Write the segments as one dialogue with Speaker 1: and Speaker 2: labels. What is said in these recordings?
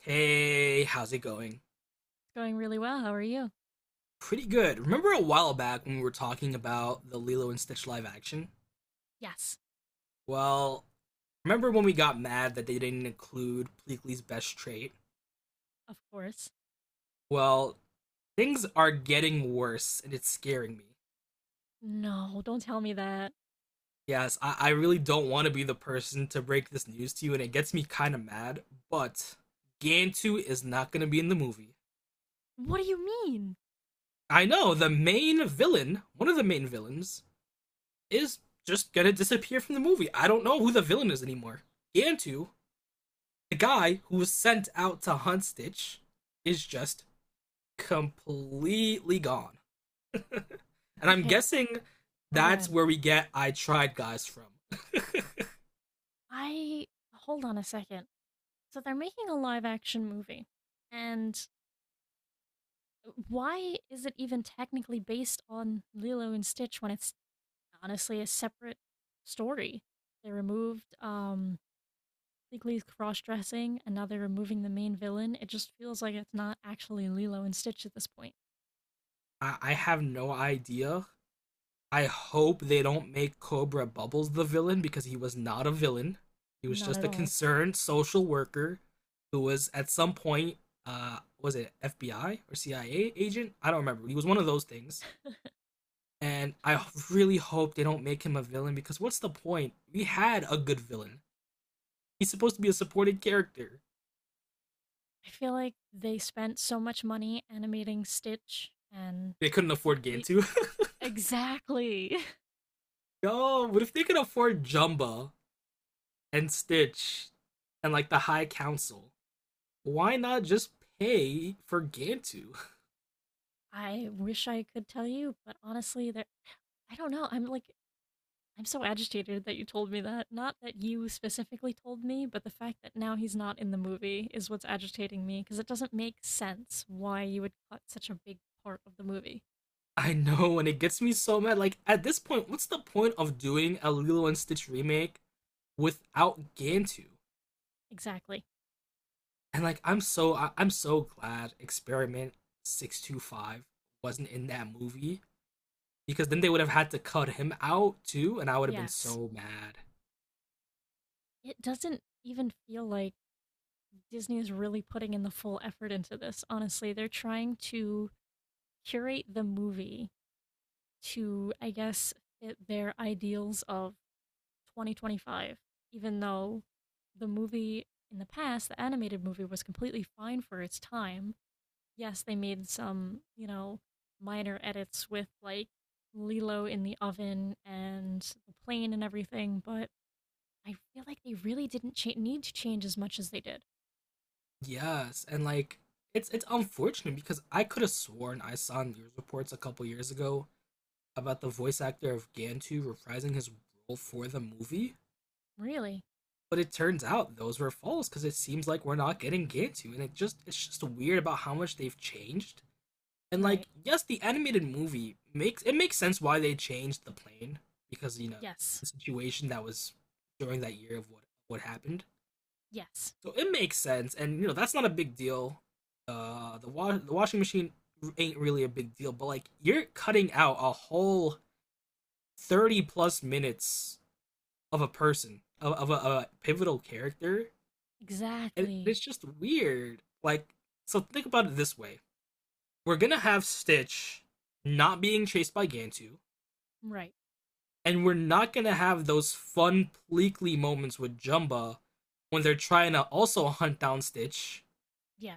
Speaker 1: Hey, how's it going?
Speaker 2: It's going really well. How are you?
Speaker 1: Pretty good. Remember a while back when we were talking about the Lilo and Stitch live action?
Speaker 2: Yes.
Speaker 1: Well, remember when we got mad that they didn't include Pleakley's best trait?
Speaker 2: Of course.
Speaker 1: Well, things are getting worse and it's scaring me.
Speaker 2: No, don't tell me that.
Speaker 1: Yes, I really don't want to be the person to break this news to you and it gets me kind of mad, but Gantu is not going to be in the movie.
Speaker 2: What do you mean?
Speaker 1: I know, the main villain, one of the main villains, is just gonna disappear from the movie. I don't know who the villain is anymore. Gantu, the guy who was sent out to hunt Stitch, is just completely gone. And I'm
Speaker 2: Okay, hold.
Speaker 1: guessing
Speaker 2: Oh, go
Speaker 1: that's
Speaker 2: ahead.
Speaker 1: where we get I tried guys from.
Speaker 2: I hold on a second. So they're making a live action movie, and why is it even technically based on Lilo and Stitch when it's honestly a separate story? They removed Legally cross dressing, and now they're removing the main villain. It just feels like it's not actually Lilo and Stitch at this point.
Speaker 1: I have no idea. I hope they don't make Cobra Bubbles the villain because he was not a villain. He was
Speaker 2: Not at
Speaker 1: just a
Speaker 2: all.
Speaker 1: concerned social worker who was at some point, was it FBI or CIA agent? I don't remember. He was one of those things. And I really hope they don't make him a villain because what's the point? We had a good villain. He's supposed to be a supported character.
Speaker 2: I feel like they spent so much money animating Stitch and
Speaker 1: They couldn't afford
Speaker 2: complete
Speaker 1: Gantu.
Speaker 2: Exactly.
Speaker 1: Yo, but if they could afford Jumba and Stitch and like the High Council, why not just pay for Gantu?
Speaker 2: I wish I could tell you, but honestly, there I don't know. I'm like I'm so agitated that you told me that. Not that you specifically told me, but the fact that now he's not in the movie is what's agitating me because it doesn't make sense why you would cut such a big part of the movie.
Speaker 1: I know, and it gets me so mad. Like at this point, what's the point of doing a Lilo and Stitch remake without Gantu?
Speaker 2: Exactly.
Speaker 1: And like I'm so glad Experiment 625 wasn't in that movie because then they would have had to cut him out too, and I would have been
Speaker 2: Yes.
Speaker 1: so mad.
Speaker 2: It doesn't even feel like Disney is really putting in the full effort into this. Honestly, they're trying to curate the movie to, I guess, fit their ideals of 2025, even though the movie in the past, the animated movie, was completely fine for its time. Yes, they made some, you know, minor edits with like Lilo in the oven and the plane and everything, but I feel like they really didn't need to change as much as they did.
Speaker 1: Yes, and like it's unfortunate because I could have sworn I saw news reports a couple years ago about the voice actor of Gantu reprising his role for the movie,
Speaker 2: Really?
Speaker 1: but it turns out those were false because it seems like we're not getting Gantu, and it's just weird about how much they've changed. And
Speaker 2: Right.
Speaker 1: like, yes, the animated movie makes sense why they changed the plane because you know
Speaker 2: Yes.
Speaker 1: the situation that was during that year of what happened.
Speaker 2: Yes,
Speaker 1: So it makes sense, and you know that's not a big deal. The the washing machine ain't really a big deal, but like you're cutting out a whole 30 plus minutes of a person of of a pivotal character, and
Speaker 2: exactly.
Speaker 1: it's just weird. Like, so think about it this way: we're gonna have Stitch not being chased by Gantu.
Speaker 2: Right.
Speaker 1: And we're not gonna have those fun pleekly moments with Jumba when they're trying to also hunt down Stitch,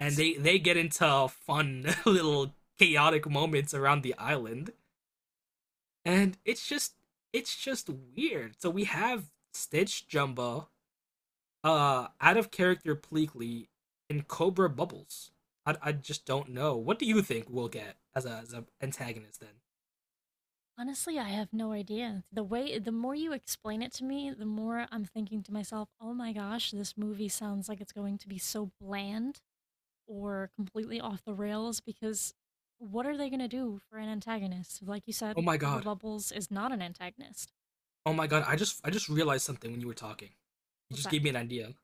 Speaker 1: and they get into fun little chaotic moments around the island, and it's just weird. So we have Stitch, Jumba, out of character pleekly, and Cobra Bubbles. I just don't know. What do you think we'll get as a as an antagonist then?
Speaker 2: Honestly, I have no idea. The way, the more you explain it to me, the more I'm thinking to myself, oh my gosh, this movie sounds like it's going to be so bland or completely off the rails because what are they going to do for an antagonist? Like you
Speaker 1: Oh
Speaker 2: said,
Speaker 1: my
Speaker 2: Cobra
Speaker 1: god.
Speaker 2: Bubbles is not an antagonist.
Speaker 1: Oh my god. I just realized something when you were talking. You
Speaker 2: What's
Speaker 1: just
Speaker 2: that?
Speaker 1: gave me an idea.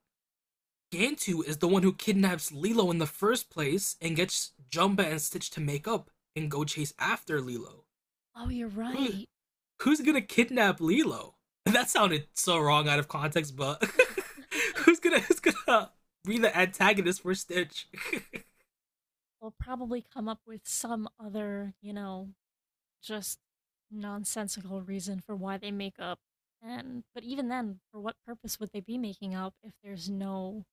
Speaker 1: Gantu is the one who kidnaps Lilo in the first place and gets Jumba and Stitch to make up and go chase after Lilo.
Speaker 2: Oh, you're
Speaker 1: Who
Speaker 2: right.
Speaker 1: who's gonna kidnap Lilo? That sounded so wrong out of context, but who's gonna be the antagonist for Stitch?
Speaker 2: They'll probably come up with some other, you know, just nonsensical reason for why they make up. And but even then, for what purpose would they be making up if there's no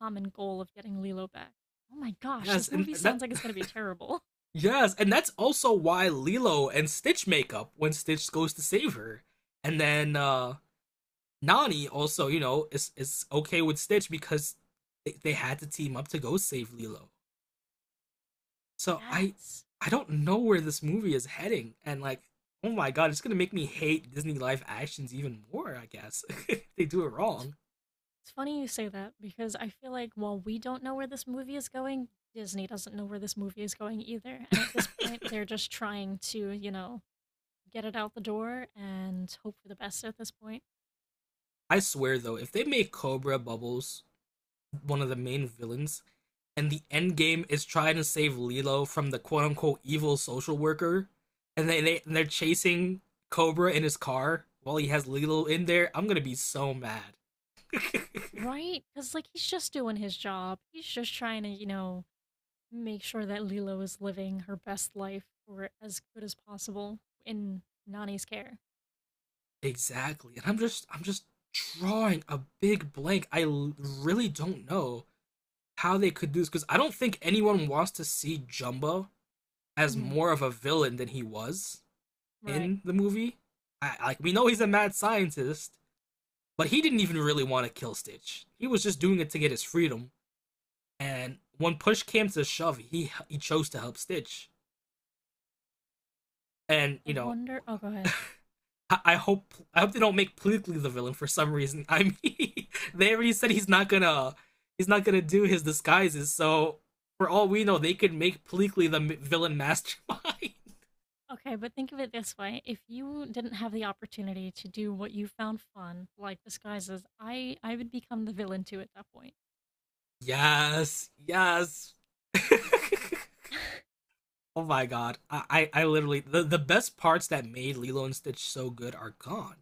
Speaker 2: common goal of getting Lilo back? Oh my gosh,
Speaker 1: Yes,
Speaker 2: this movie
Speaker 1: and
Speaker 2: sounds
Speaker 1: that
Speaker 2: like it's gonna be terrible.
Speaker 1: yes, and that's also why Lilo and Stitch make up when Stitch goes to save her. And then Nani also, you know, is okay with Stitch because they had to team up to go save Lilo. So
Speaker 2: Yes.
Speaker 1: I don't know where this movie is heading and like oh my god, it's gonna make me hate Disney live actions even more, I guess. If they do it
Speaker 2: It's,
Speaker 1: wrong.
Speaker 2: it's funny you say that because I feel like while we don't know where this movie is going, Disney doesn't know where this movie is going either. And at this point, they're just trying to, you know, get it out the door and hope for the best at this point.
Speaker 1: I swear though, if they make Cobra Bubbles one of the main villains and the end game is trying to save Lilo from the quote unquote evil social worker and they're chasing Cobra in his car while he has Lilo in there, I'm gonna be so mad.
Speaker 2: Right? Because, like, he's just doing his job. He's just trying to, you know, make sure that Lilo is living her best life or as good as possible in Nani's care.
Speaker 1: Exactly. And I'm just drawing a big blank. I l- really don't know how they could do this because I don't think anyone wants to see Jumbo as
Speaker 2: Hmm.
Speaker 1: more of a villain than he was
Speaker 2: Right.
Speaker 1: in the movie. I, like we know he's a mad scientist, but he didn't even really want to kill Stitch. He was just doing it to get his freedom. And when push came to shove, he chose to help Stitch. And
Speaker 2: I
Speaker 1: you know,
Speaker 2: wonder. Oh, go ahead.
Speaker 1: I hope they don't make politically the villain for some reason. I mean, they already said he's not gonna do his disguises. So for all we know, they could make politically the villain mastermind.
Speaker 2: Okay, but think of it this way. If you didn't have the opportunity to do what you found fun, like disguises, I would become the villain too at that point.
Speaker 1: Yes, Oh my god, I literally the best parts that made Lilo and Stitch so good are gone.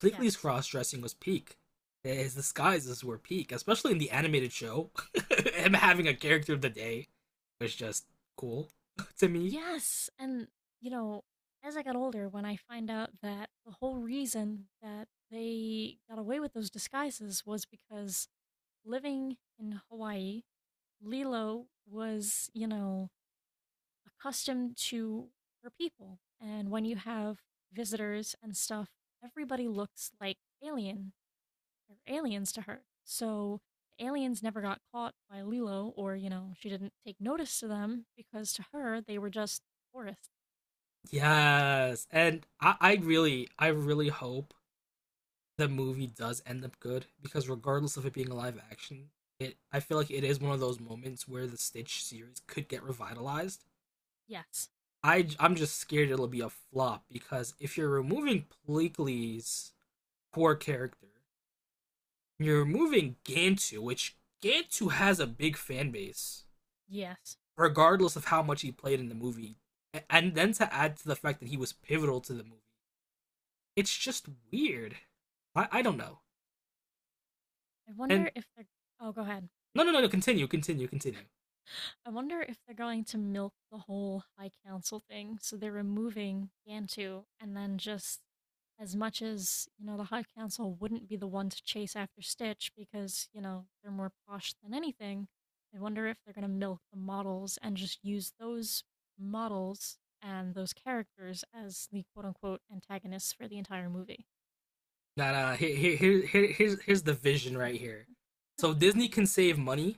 Speaker 1: Bleakley's
Speaker 2: Yes.
Speaker 1: cross dressing was peak. His disguises were peak, especially in the animated show. Him having a character of the day was just cool to me.
Speaker 2: Yes. And, you know, as I got older, when I find out that the whole reason that they got away with those disguises was because living in Hawaii Lilo was, you know, accustomed to her people. And when you have visitors and stuff, everybody looks like alien They're aliens to her. So the aliens never got caught by Lilo or, you know, she didn't take notice to them because to her they were just tourists.
Speaker 1: Yes, and I really hope the movie does end up good because regardless of it being a live action, it I feel like it is one of those moments where the Stitch series could get revitalized.
Speaker 2: Yes.
Speaker 1: I'm just scared it'll be a flop because if you're removing Bleakley's core character. You're moving Gantu, which Gantu has a big fan base,
Speaker 2: Yes.
Speaker 1: regardless of how much he played in the movie. And then to add to the fact that he was pivotal to the movie, it's just weird. I don't know.
Speaker 2: I wonder
Speaker 1: And
Speaker 2: if they're Oh, go ahead.
Speaker 1: no, no, no, no. Continue, continue.
Speaker 2: I wonder if they're going to milk the whole High Council thing. So they're removing Gantu, and then just as much as, you know, the High Council wouldn't be the one to chase after Stitch because, you know, they're more posh than anything, I wonder if they're going to milk the models and just use those models and those characters as the quote unquote antagonists for the entire movie.
Speaker 1: Nah, nah. Here, here's the vision right here. So Disney can save money.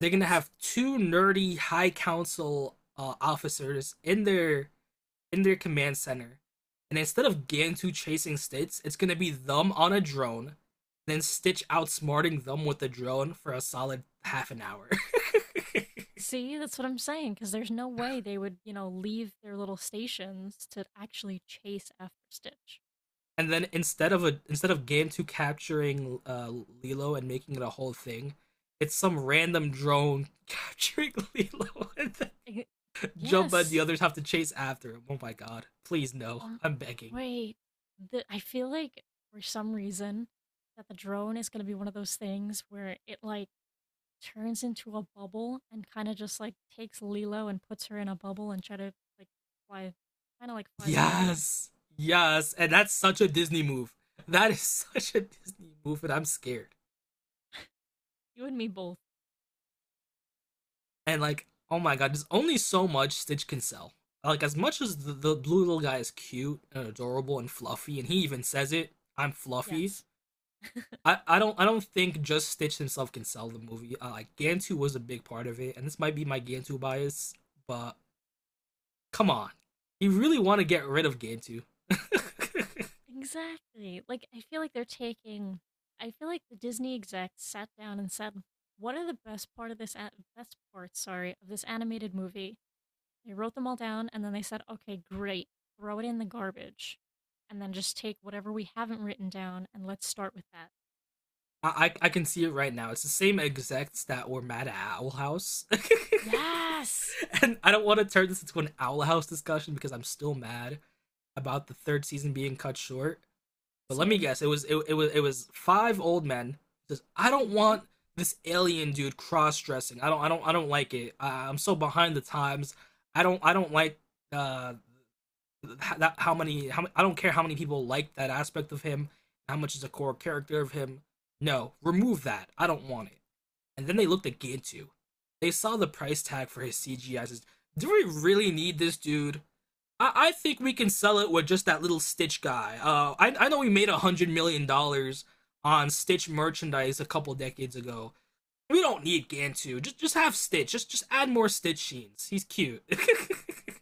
Speaker 1: They're gonna
Speaker 2: Yes.
Speaker 1: have two nerdy high council officers in their command center. And instead of Gantu chasing Stitch, it's gonna be them on a drone, then Stitch outsmarting them with the drone for a solid half an hour.
Speaker 2: See, that's what I'm saying, because there's no way they would, you know, leave their little stations to actually chase after Stitch.
Speaker 1: And then instead of Gantu capturing Lilo and making it a whole thing, it's some random drone capturing Lilo and then
Speaker 2: I-
Speaker 1: Jumba and
Speaker 2: yes.
Speaker 1: the others have to chase after him. Oh my god. Please no.
Speaker 2: Um,
Speaker 1: I'm begging.
Speaker 2: wait. The, I feel like for some reason that the drone is going to be one of those things where it like turns into a bubble and kind of just like takes Lilo and puts her in a bubble and try to like fly, kind of like flies away with her.
Speaker 1: Yes. Yes. And that's such a Disney move. That is such a Disney move, and I'm scared.
Speaker 2: You and me both.
Speaker 1: And like, oh my god, there's only so much Stitch can sell. Like, as much as the blue little guy is cute and adorable and fluffy, and he even says it, I'm fluffy.
Speaker 2: Yes.
Speaker 1: I don't think just Stitch himself can sell the movie. Like Gantu was a big part of it, and this might be my Gantu bias, but come on, you really want to get rid of Gantu?
Speaker 2: Exactly. Like, I feel like they're taking. I feel like the Disney execs sat down and said, "What are the best part of this best parts? Sorry, of this animated movie." They wrote them all down, and then they said, "Okay, great. Throw it in the garbage, and then just take whatever we haven't written down, and let's start with that."
Speaker 1: I can see it right now. It's the same execs that were mad at Owl House.
Speaker 2: Yes.
Speaker 1: And I don't want to turn this into an Owl House discussion because I'm still mad about the third season being cut short. But let me
Speaker 2: Same.
Speaker 1: guess, it was five old men who says I don't
Speaker 2: Mm-hmm.
Speaker 1: want this alien dude cross dressing. I don't like it. I'm so behind the times. I don't like uh that how many how I don't care how many people like that aspect of him, how much is a core character of him. No, remove that. I don't want it. And then they looked at Gintu. They saw the price tag for his CGI. Says, do we really need this dude? I think we can sell it with just that little Stitch guy. I know we made $100 million on Stitch merchandise a couple decades ago. We don't need Gantu. Just have Stitch. Just add more Stitch scenes. He's cute.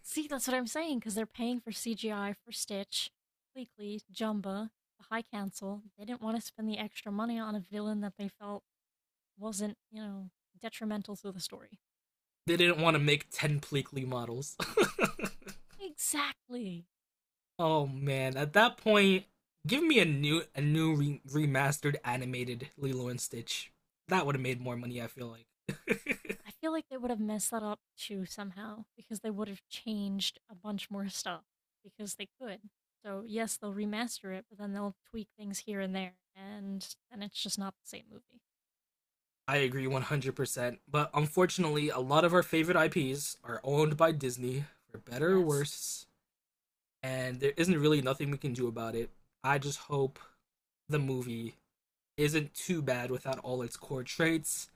Speaker 2: See, that's what I'm saying. Because they're paying for CGI for Stitch, Bleakley, Jumba, the High Council. They didn't want to spend the extra money on a villain that they felt wasn't, you know, detrimental to the story.
Speaker 1: They didn't want to make ten Pleakley models.
Speaker 2: Exactly.
Speaker 1: Oh man, at that point, give me a new re- remastered animated Lilo and Stitch. That would have made more money, I feel like.
Speaker 2: I feel like they would have messed that up too somehow because they would have changed a bunch more stuff because they could. So, yes, they'll remaster it, but then they'll tweak things here and there, and then it's just not the same movie.
Speaker 1: I agree 100%, but unfortunately, a lot of our favorite IPs are owned by Disney for better or
Speaker 2: Yes.
Speaker 1: worse, and there isn't really nothing we can do about it. I just hope the movie isn't too bad without all its core traits.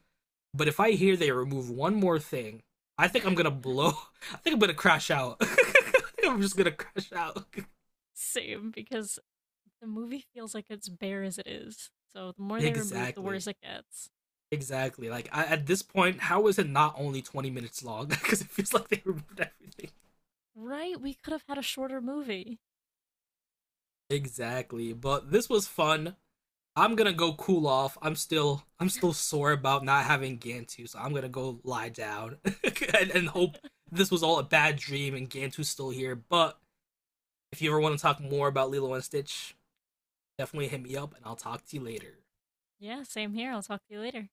Speaker 1: But if I hear they remove one more thing, I think I'm gonna blow. I think I'm gonna crash out. I'm just gonna crash out.
Speaker 2: Same, because the movie feels like it's bare as it is. So, the more they remove, the worse
Speaker 1: Exactly.
Speaker 2: it gets.
Speaker 1: Exactly. Like I, at this point, how is it not only 20 minutes long? Because it feels like they removed everything.
Speaker 2: Right? We could have had a shorter movie.
Speaker 1: Exactly. But this was fun. I'm gonna go cool off. I'm still sore about not having Gantu, so I'm gonna go lie down and hope this was all a bad dream and Gantu's still here. But if you ever want to talk more about Lilo and Stitch, definitely hit me up and I'll talk to you later.
Speaker 2: Yeah, same here. I'll talk to you later.